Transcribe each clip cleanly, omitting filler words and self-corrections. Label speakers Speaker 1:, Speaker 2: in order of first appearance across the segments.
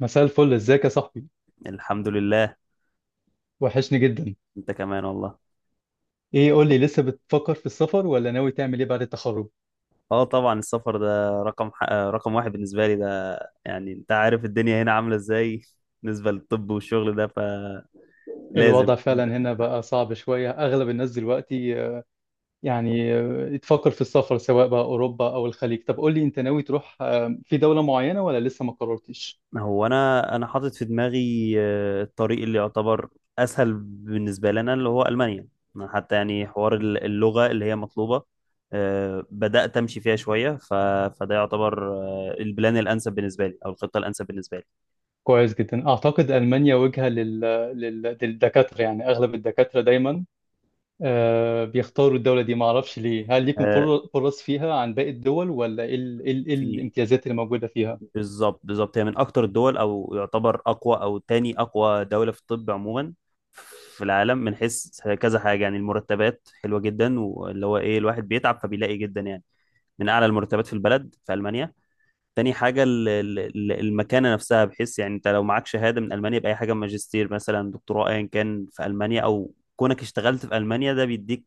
Speaker 1: مساء الفل، ازيك يا صاحبي؟
Speaker 2: الحمد لله.
Speaker 1: وحشني جدا.
Speaker 2: انت كمان والله.
Speaker 1: ايه، قول لي، لسه بتفكر في السفر ولا ناوي تعمل ايه بعد التخرج؟
Speaker 2: اه، طبعا السفر ده رقم ح... آه، رقم واحد بالنسبه لي ده، يعني انت عارف الدنيا هنا عامله ازاي بالنسبه للطب والشغل ده، فلازم.
Speaker 1: الوضع فعلا هنا بقى صعب شوية. اغلب الناس دلوقتي يعني تفكر في السفر سواء بقى اوروبا او الخليج. طب قول لي، انت ناوي تروح في دولة معينة ولا لسه ما قررتش؟
Speaker 2: هو انا حاطط في دماغي الطريق اللي يعتبر اسهل بالنسبه لنا اللي هو المانيا. أنا حتى يعني حوار اللغه اللي هي مطلوبه، بدات امشي فيها شويه، فده يعتبر البلان الانسب بالنسبه لي او الخطه الانسب بالنسبه لي.
Speaker 1: كويس جدا. اعتقد المانيا وجهة للدكاترة، يعني اغلب الدكاترة دايما بيختاروا الدولة دي. ما اعرفش ليه، هل ليكم
Speaker 2: آه،
Speaker 1: فرص فيها عن باقي الدول، ولا ايه إيه
Speaker 2: في.
Speaker 1: الامتيازات اللي موجودة فيها؟
Speaker 2: بالظبط بالظبط، هي من اكتر الدول، او يعتبر اقوى او تاني اقوى دولة في الطب عموما في العالم، من حيث كذا حاجة. يعني المرتبات حلوة جدا، واللي هو ايه الواحد بيتعب فبيلاقي جدا، يعني من اعلى المرتبات في البلد في المانيا. تاني حاجة المكانة نفسها، بحيث يعني انت لو معاك شهادة من المانيا بأي حاجة، ماجستير مثلا، دكتوراه، ايا كان في المانيا، او كونك اشتغلت في المانيا، ده بيديك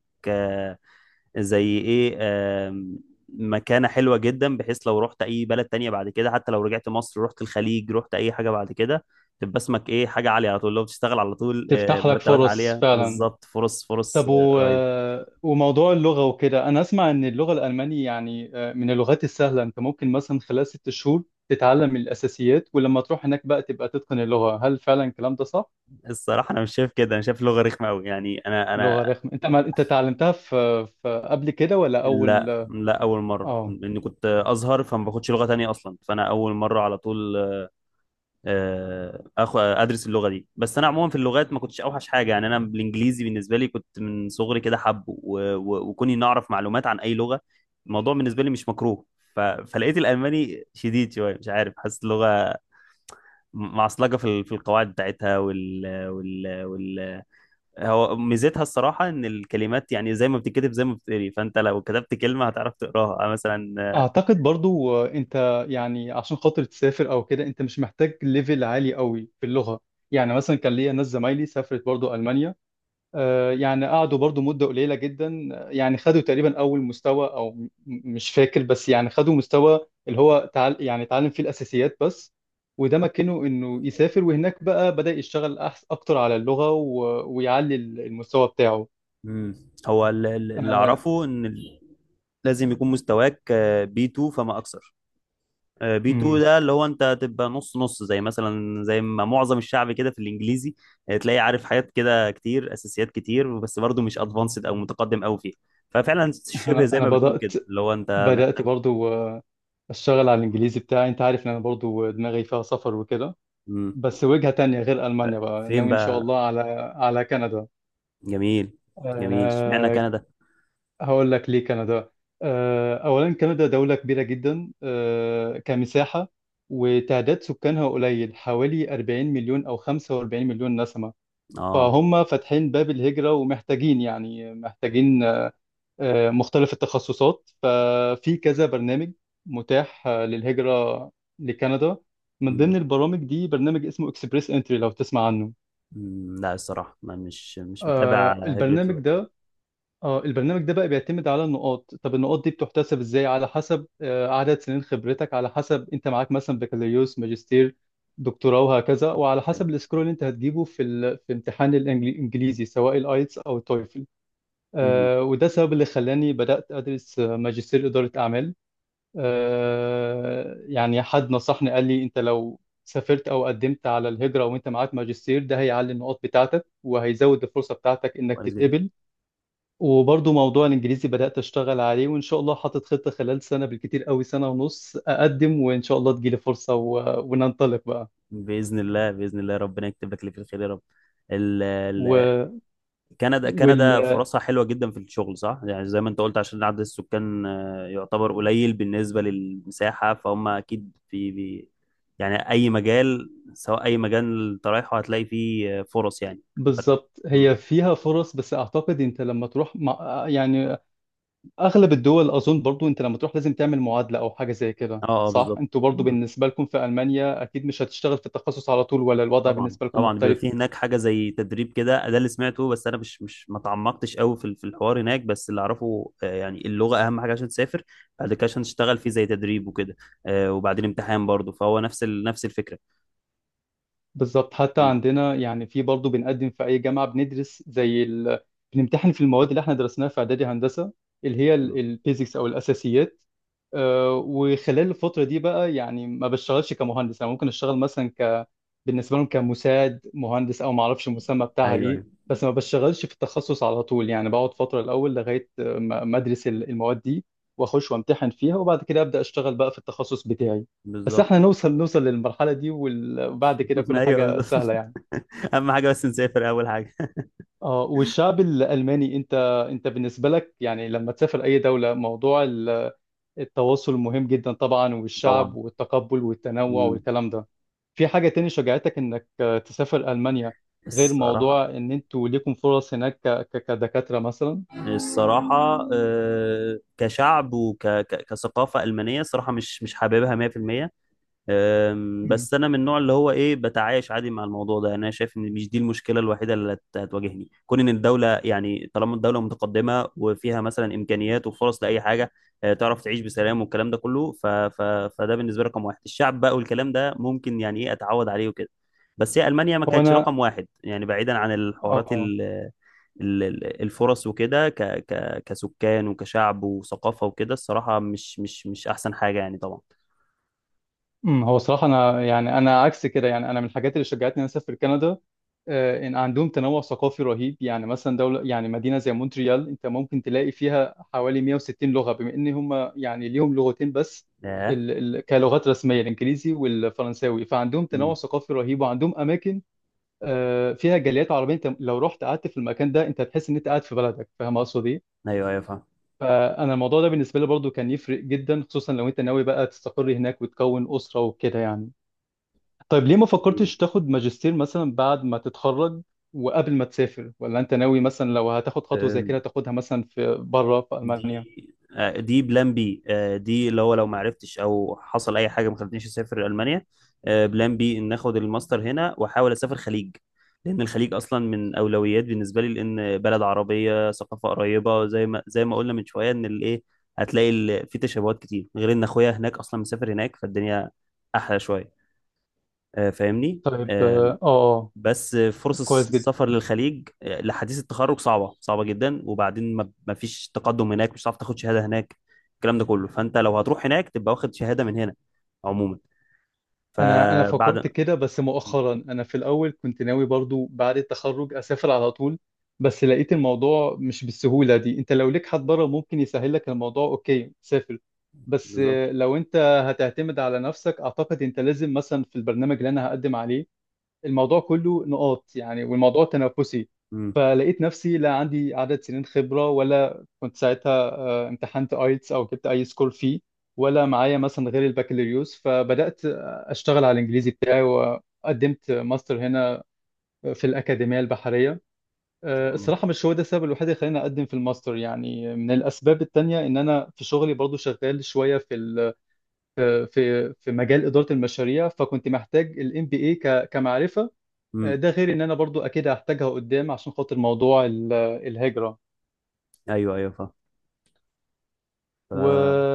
Speaker 2: زي ايه، مكانة حلوة جدا، بحيث لو رحت اي بلد تانية بعد كده، حتى لو رجعت مصر، رحت الخليج، رحت اي حاجة بعد كده، تبقى اسمك ايه، حاجة عالية على طول. لو بتشتغل على طول،
Speaker 1: تفتح لك
Speaker 2: مرتبات
Speaker 1: فرص
Speaker 2: عالية
Speaker 1: فعلا.
Speaker 2: بالظبط، فرص فرص
Speaker 1: طب و...
Speaker 2: رهيبة.
Speaker 1: آه، وموضوع اللغة وكده. أنا أسمع إن اللغة الألمانية يعني من اللغات السهلة، أنت ممكن مثلا خلال 6 شهور تتعلم الأساسيات، ولما تروح هناك بقى تبقى تتقن اللغة. هل فعلا الكلام ده صح؟
Speaker 2: الصراحة انا مش شايف كده، انا شايف لغة رخمة قوي، يعني انا
Speaker 1: لغة
Speaker 2: انا
Speaker 1: رخمة! أنت ما... أنت اتعلمتها في قبل كده ولا أول؟
Speaker 2: لا لا، اول مرة،
Speaker 1: آه
Speaker 2: لاني كنت ازهر فما باخدش لغة تانية اصلا، فانا اول مرة على طول آه، آه، اخ ادرس اللغه دي. بس انا عموما في اللغات ما كنتش اوحش حاجه. يعني انا بالانجليزي بالنسبه لي كنت من صغري كده حب، وكوني نعرف معلومات عن اي لغه، الموضوع بالنسبه لي مش مكروه. فلقيت الالماني شديد شويه، مش عارف، حاسس اللغه معصلجه في في القواعد بتاعتها وال وال وال هو ميزتها الصراحه ان الكلمات يعني زي ما بتتكتب زي ما بتتقري، فانت لو كتبت كلمه هتعرف تقراها. أنا مثلا.
Speaker 1: أعتقد برضو، أنت يعني عشان خاطر تسافر أو كده أنت مش محتاج ليفل عالي قوي في اللغة. يعني مثلا كان ليا ناس زمايلي سافرت برضو ألمانيا، يعني قعدوا برضو مدة قليلة جدا، يعني خدوا تقريبا أول مستوى أو مش فاكر، بس يعني خدوا مستوى اللي هو تعال يعني اتعلم فيه الأساسيات بس. وده مكنه إنه يسافر، وهناك بقى بدأ يشتغل، أحس أكتر على اللغة و... ويعلي المستوى بتاعه.
Speaker 2: مم. هو اللي
Speaker 1: أنا
Speaker 2: اعرفه ان لازم يكون مستواك بي 2 فما اكثر. بي 2
Speaker 1: مم.
Speaker 2: ده اللي هو انت تبقى نص نص، زي مثلا زي ما معظم الشعب كده في الانجليزي، تلاقي عارف حاجات كده كتير، اساسيات كتير، بس برضه مش ادفانسد او متقدم قوي فيها. ففعلا شبه
Speaker 1: أنا
Speaker 2: زي
Speaker 1: أنا
Speaker 2: ما بتقول كده، اللي هو انت
Speaker 1: بدأت
Speaker 2: محتاج.
Speaker 1: برضو أشتغل على الإنجليزي بتاعي. أنت عارف إن أنا برضو دماغي فيها سفر وكده.
Speaker 2: مم.
Speaker 1: بس وجهة تانية غير ألمانيا، بقى
Speaker 2: فين
Speaker 1: ناوي إن شاء
Speaker 2: بقى؟
Speaker 1: الله على كندا.
Speaker 2: جميل. جميل، اشمعنى
Speaker 1: آه،
Speaker 2: كندا؟
Speaker 1: هقول لك ليه كندا. أولا كندا دولة كبيرة جدا كمساحة، وتعداد سكانها قليل، حوالي 40 مليون أو 45 مليون نسمة.
Speaker 2: اه.
Speaker 1: فهم فاتحين باب الهجرة، ومحتاجين، يعني محتاجين مختلف التخصصات. ففي كذا برنامج متاح للهجرة لكندا. من
Speaker 2: مم.
Speaker 1: ضمن البرامج دي برنامج اسمه اكسبريس انتري، لو تسمع عنه.
Speaker 2: مم. لا، الصراحه انا مش متابع
Speaker 1: آه،
Speaker 2: هجرة
Speaker 1: البرنامج
Speaker 2: ولا كده.
Speaker 1: ده اه البرنامج ده بقى بيعتمد على النقاط. طب النقاط دي بتحتسب ازاي؟ على حسب عدد سنين خبرتك، على حسب انت معاك مثلا بكالوريوس، ماجستير، دكتوراه وهكذا، وعلى
Speaker 2: أيوة.
Speaker 1: حسب السكور اللي انت هتجيبه في امتحان الانجليزي، سواء الايتس او التويفل.
Speaker 2: مم.
Speaker 1: وده السبب اللي خلاني بدأت ادرس ماجستير إدارة اعمال. يعني حد نصحني، قال لي انت لو سافرت او قدمت على الهجرة وانت معاك ماجستير، ده هيعلي النقاط بتاعتك وهيزود الفرصة بتاعتك انك
Speaker 2: كويس جدا.
Speaker 1: تتقبل. وبرضو موضوع الانجليزي بدأت اشتغل عليه، وان شاء الله حاطط خطة خلال سنة، بالكتير قوي سنة ونص، اقدم وان شاء الله تجيلي فرصة و... وننطلق بقى.
Speaker 2: باذن الله، باذن الله، ربنا يكتب لك اللي في الخير يا رب. ال- ال-
Speaker 1: و...
Speaker 2: كندا كندا
Speaker 1: وال...
Speaker 2: فرصها حلوة جدا في الشغل، صح؟ يعني زي ما انت قلت، عشان عدد السكان يعتبر قليل بالنسبة للمساحة، فهم أكيد في بي. يعني أي مجال، سواء أي مجال انت رايحه، هتلاقي فيه فرص يعني.
Speaker 1: بالظبط،
Speaker 2: مم.
Speaker 1: هي فيها فرص. بس اعتقد انت لما تروح يعني اغلب الدول، اظن برضو انت لما تروح لازم تعمل معادلة او حاجة زي كده،
Speaker 2: اه اه،
Speaker 1: صح؟
Speaker 2: بالظبط.
Speaker 1: انتوا برضو
Speaker 2: مم.
Speaker 1: بالنسبة لكم في المانيا اكيد مش هتشتغل في التخصص على طول، ولا الوضع
Speaker 2: طبعا
Speaker 1: بالنسبة لكم
Speaker 2: طبعا، بيبقى
Speaker 1: مختلف؟
Speaker 2: فيه هناك حاجة زي تدريب كده، ده اللي سمعته، بس أنا مش ما تعمقتش قوي في الحوار هناك، بس اللي أعرفه يعني اللغة أهم حاجة عشان تسافر، بعد كده عشان تشتغل فيه زي تدريب وكده، وبعدين امتحان برضه، فهو نفس الفكرة.
Speaker 1: بالظبط، حتى عندنا يعني في برضه بنقدم في أي جامعة بندرس بنمتحن في المواد اللي احنا درسناها في إعدادي هندسة، اللي هي البيزكس أو الأساسيات. وخلال الفترة دي بقى يعني ما بشتغلش كمهندس، أنا ممكن أشتغل مثلا بالنسبه لهم كمساعد مهندس، او ما اعرفش المسمى بتاعها
Speaker 2: ايوه
Speaker 1: ايه،
Speaker 2: ايوه،
Speaker 1: بس ما بشتغلش في التخصص على طول. يعني بقعد فتره الاول لغايه ما ادرس المواد دي، واخش وامتحن فيها، وبعد كده ابدا اشتغل بقى في التخصص بتاعي. بس
Speaker 2: بالظبط.
Speaker 1: احنا نوصل للمرحله دي، وال- وبعد كده كل
Speaker 2: ايوه،
Speaker 1: حاجه
Speaker 2: بالظبط.
Speaker 1: سهله يعني.
Speaker 2: اهم حاجه بس نسافر اول حاجه.
Speaker 1: اه، والشعب الالماني، انت بالنسبه لك يعني لما تسافر اي دوله، موضوع التواصل مهم جدا طبعا،
Speaker 2: طبعا.
Speaker 1: والشعب والتقبل والتنوع
Speaker 2: مم.
Speaker 1: والكلام ده. في حاجة تاني شجعتك انك تسافر ألمانيا، غير
Speaker 2: الصراحه
Speaker 1: موضوع ان انتوا ليكم فرص هناك كدكاترة مثلا؟
Speaker 2: الصراحه، كشعب وكثقافه المانيه، الصراحه مش حاببها 100%.
Speaker 1: مم.
Speaker 2: بس انا من النوع اللي هو ايه، بتعايش عادي مع الموضوع ده. يعني انا شايف ان مش دي المشكله الوحيده اللي هتواجهني، كون ان الدوله يعني، طالما الدوله متقدمه وفيها مثلا امكانيات وفرص لاي حاجه، تعرف تعيش بسلام والكلام ده كله، فده بالنسبه لي رقم واحد. الشعب بقى والكلام ده ممكن يعني ايه، اتعود عليه وكده. بس هي المانيا ما
Speaker 1: هو
Speaker 2: كانتش
Speaker 1: انا
Speaker 2: رقم واحد، يعني بعيدا عن
Speaker 1: اه
Speaker 2: الحوارات
Speaker 1: آه.
Speaker 2: الفرص وكده، كسكان وكشعب وثقافه وكده، الصراحه مش احسن حاجه يعني، طبعا.
Speaker 1: هو صراحة، أنا يعني أنا عكس كده. يعني أنا من الحاجات اللي شجعتني إن أنا أسافر كندا، إن عندهم تنوع ثقافي رهيب. يعني مثلا دولة يعني مدينة زي مونتريال، أنت ممكن تلاقي فيها حوالي 160 لغة، بما إن هم يعني ليهم لغتين بس
Speaker 2: آه.
Speaker 1: ال ال كلغات رسمية، الإنجليزي والفرنساوي. فعندهم تنوع ثقافي رهيب، وعندهم أماكن فيها جاليات عربية. أنت لو رحت قعدت في المكان ده، أنت هتحس إن أنت قاعد في بلدك. فاهم أقصد إيه؟
Speaker 2: ايوه ايوه، فاهم.
Speaker 1: فأنا الموضوع ده بالنسبة لي برضو كان يفرق جدا، خصوصا لو أنت ناوي بقى تستقر هناك وتكون أسرة وكده يعني. طيب، ليه ما
Speaker 2: دي
Speaker 1: فكرتش تاخد ماجستير مثلا بعد ما تتخرج وقبل ما تسافر، ولا انت ناوي مثلا لو هتاخد خطوة زي
Speaker 2: أم،
Speaker 1: كده تاخدها مثلا في بره في ألمانيا؟
Speaker 2: دي دي بلان بي، دي اللي هو لو ما عرفتش او حصل اي حاجه ما خلتنيش اسافر المانيا. بلان بي ان اخد الماستر هنا واحاول اسافر خليج، لان الخليج اصلا من اولويات بالنسبه لي، لان بلد عربيه، ثقافه قريبه، زي ما قلنا من شويه ان الايه، هتلاقي في تشابهات كتير، غير ان اخويا هناك اصلا مسافر هناك، فالدنيا احلى شويه. فاهمني؟
Speaker 1: طيب، اه.
Speaker 2: بس فرص
Speaker 1: كويس جدا.
Speaker 2: السفر للخليج لحديث التخرج صعبة صعبة جدا. وبعدين ما فيش تقدم هناك، مش هتعرف تاخد شهادة هناك الكلام ده كله. فأنت لو هتروح هناك تبقى واخد شهادة من هنا عموما،
Speaker 1: انا فكرت
Speaker 2: فبعد.
Speaker 1: كده بس مؤخرا، انا في الاول كنت ناوي برضو بعد التخرج اسافر على طول. بس لقيت الموضوع مش بالسهولة دي. انت لو ليك حد بره ممكن يسهل لك الموضوع، اوكي، سافر. بس
Speaker 2: بالظبط.
Speaker 1: لو انت هتعتمد على نفسك، اعتقد انت لازم مثلا في البرنامج اللي انا هقدم عليه، الموضوع كله نقاط يعني، والموضوع تنافسي.
Speaker 2: ان
Speaker 1: فلقيت نفسي لا عندي عدد سنين خبرة، ولا كنت ساعتها امتحنت ايتس او جبت اي سكور فيه، ولا معايا مثلا غير البكالوريوس. فبدأت اشتغل على الانجليزي بتاعي، وقدمت ماستر هنا في الأكاديمية البحرية.
Speaker 2: شاء الله.
Speaker 1: الصراحة مش هو ده السبب الوحيد اللي خلاني أقدم في الماستر. يعني من الأسباب التانية إن أنا في شغلي برضو شغال شوية في في مجال إدارة المشاريع، فكنت محتاج ال MBA كمعرفة.
Speaker 2: امم
Speaker 1: ده غير ان انا برضو اكيد هحتاجها قدام عشان خاطر موضوع الهجرة
Speaker 2: ايوه ايوه،
Speaker 1: و...
Speaker 2: فاهم.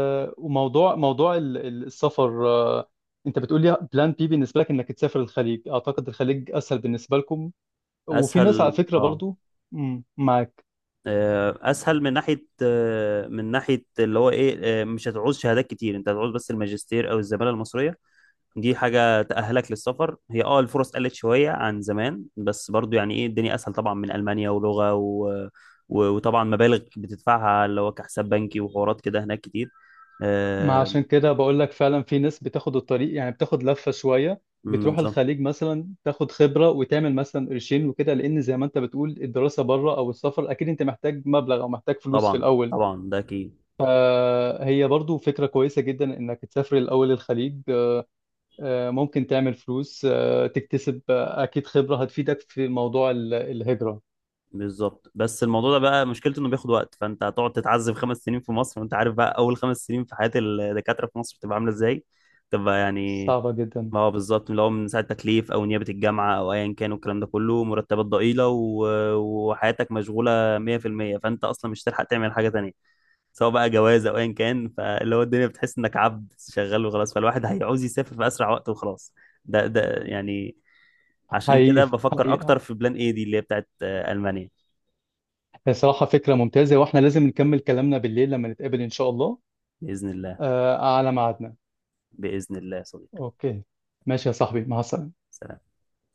Speaker 1: وموضوع السفر. انت بتقول لي بلان بي بالنسبة لك انك تسافر الخليج. اعتقد الخليج اسهل بالنسبة لكم، وفي ناس على
Speaker 2: فأسهل،
Speaker 1: فكرة
Speaker 2: اه،
Speaker 1: برضو. مم، معاك.
Speaker 2: اسهل من ناحيه، من ناحيه اللي هو ايه، مش هتعوز شهادات كتير، انت هتعوز بس الماجستير او الزماله المصريه، دي حاجة تأهلك للسفر. هي اه، الفرص قلت شوية عن زمان، بس برضو يعني ايه، الدنيا أسهل طبعا من ألمانيا ولغة، وطبعا مبالغ بتدفعها اللي هو كحساب بنكي وحوارات كده هناك كتير.
Speaker 1: ما
Speaker 2: آه،
Speaker 1: عشان كده بقول لك، فعلا في ناس بتاخد الطريق يعني بتاخد لفة شوية،
Speaker 2: أمم،
Speaker 1: بتروح
Speaker 2: بالظبط.
Speaker 1: الخليج مثلا، تاخد خبرة وتعمل مثلا قرشين وكده، لان زي ما انت بتقول الدراسة بره او السفر اكيد انت محتاج مبلغ او محتاج فلوس في
Speaker 2: طبعا
Speaker 1: الاول.
Speaker 2: طبعا، ده أكيد.
Speaker 1: فهي برضو فكرة كويسة جدا إنك تسافر الأول الخليج. ممكن تعمل فلوس، تكتسب أكيد خبرة هتفيدك في موضوع الهجرة.
Speaker 2: بالظبط. بس الموضوع ده بقى مشكلته إنه بياخد وقت، فأنت هتقعد تتعذب 5 سنين في مصر، وأنت عارف بقى أول 5 سنين في حياة الدكاترة في مصر بتبقى عاملة إزاي. تبقى يعني،
Speaker 1: صعبة جدا.
Speaker 2: ما هو بالظبط، اللي هو من ساعة تكليف أو نيابة الجامعة أو أيا كان، والكلام ده كله مرتبات ضئيلة، وحياتك مشغولة 100%. فأنت أصلا مش هتلحق تعمل حاجة تانية، سواء بقى جواز أو أيا كان، فاللي هو الدنيا بتحس إنك عبد شغال وخلاص، فالواحد هيعوز يسافر في أسرع وقت وخلاص. ده يعني، عشان كده
Speaker 1: حقيقي
Speaker 2: بفكر
Speaker 1: حقيقي،
Speaker 2: أكتر في بلان إيه، دي اللي هي بتاعت ألمانيا.
Speaker 1: هي صراحة فكرة ممتازة، وإحنا لازم نكمل كلامنا بالليل لما نتقابل إن شاء الله.
Speaker 2: بإذن الله،
Speaker 1: على ميعادنا.
Speaker 2: بإذن الله يا صديقي.
Speaker 1: أوكي. ماشي يا صاحبي، مع السلامة.
Speaker 2: سلام.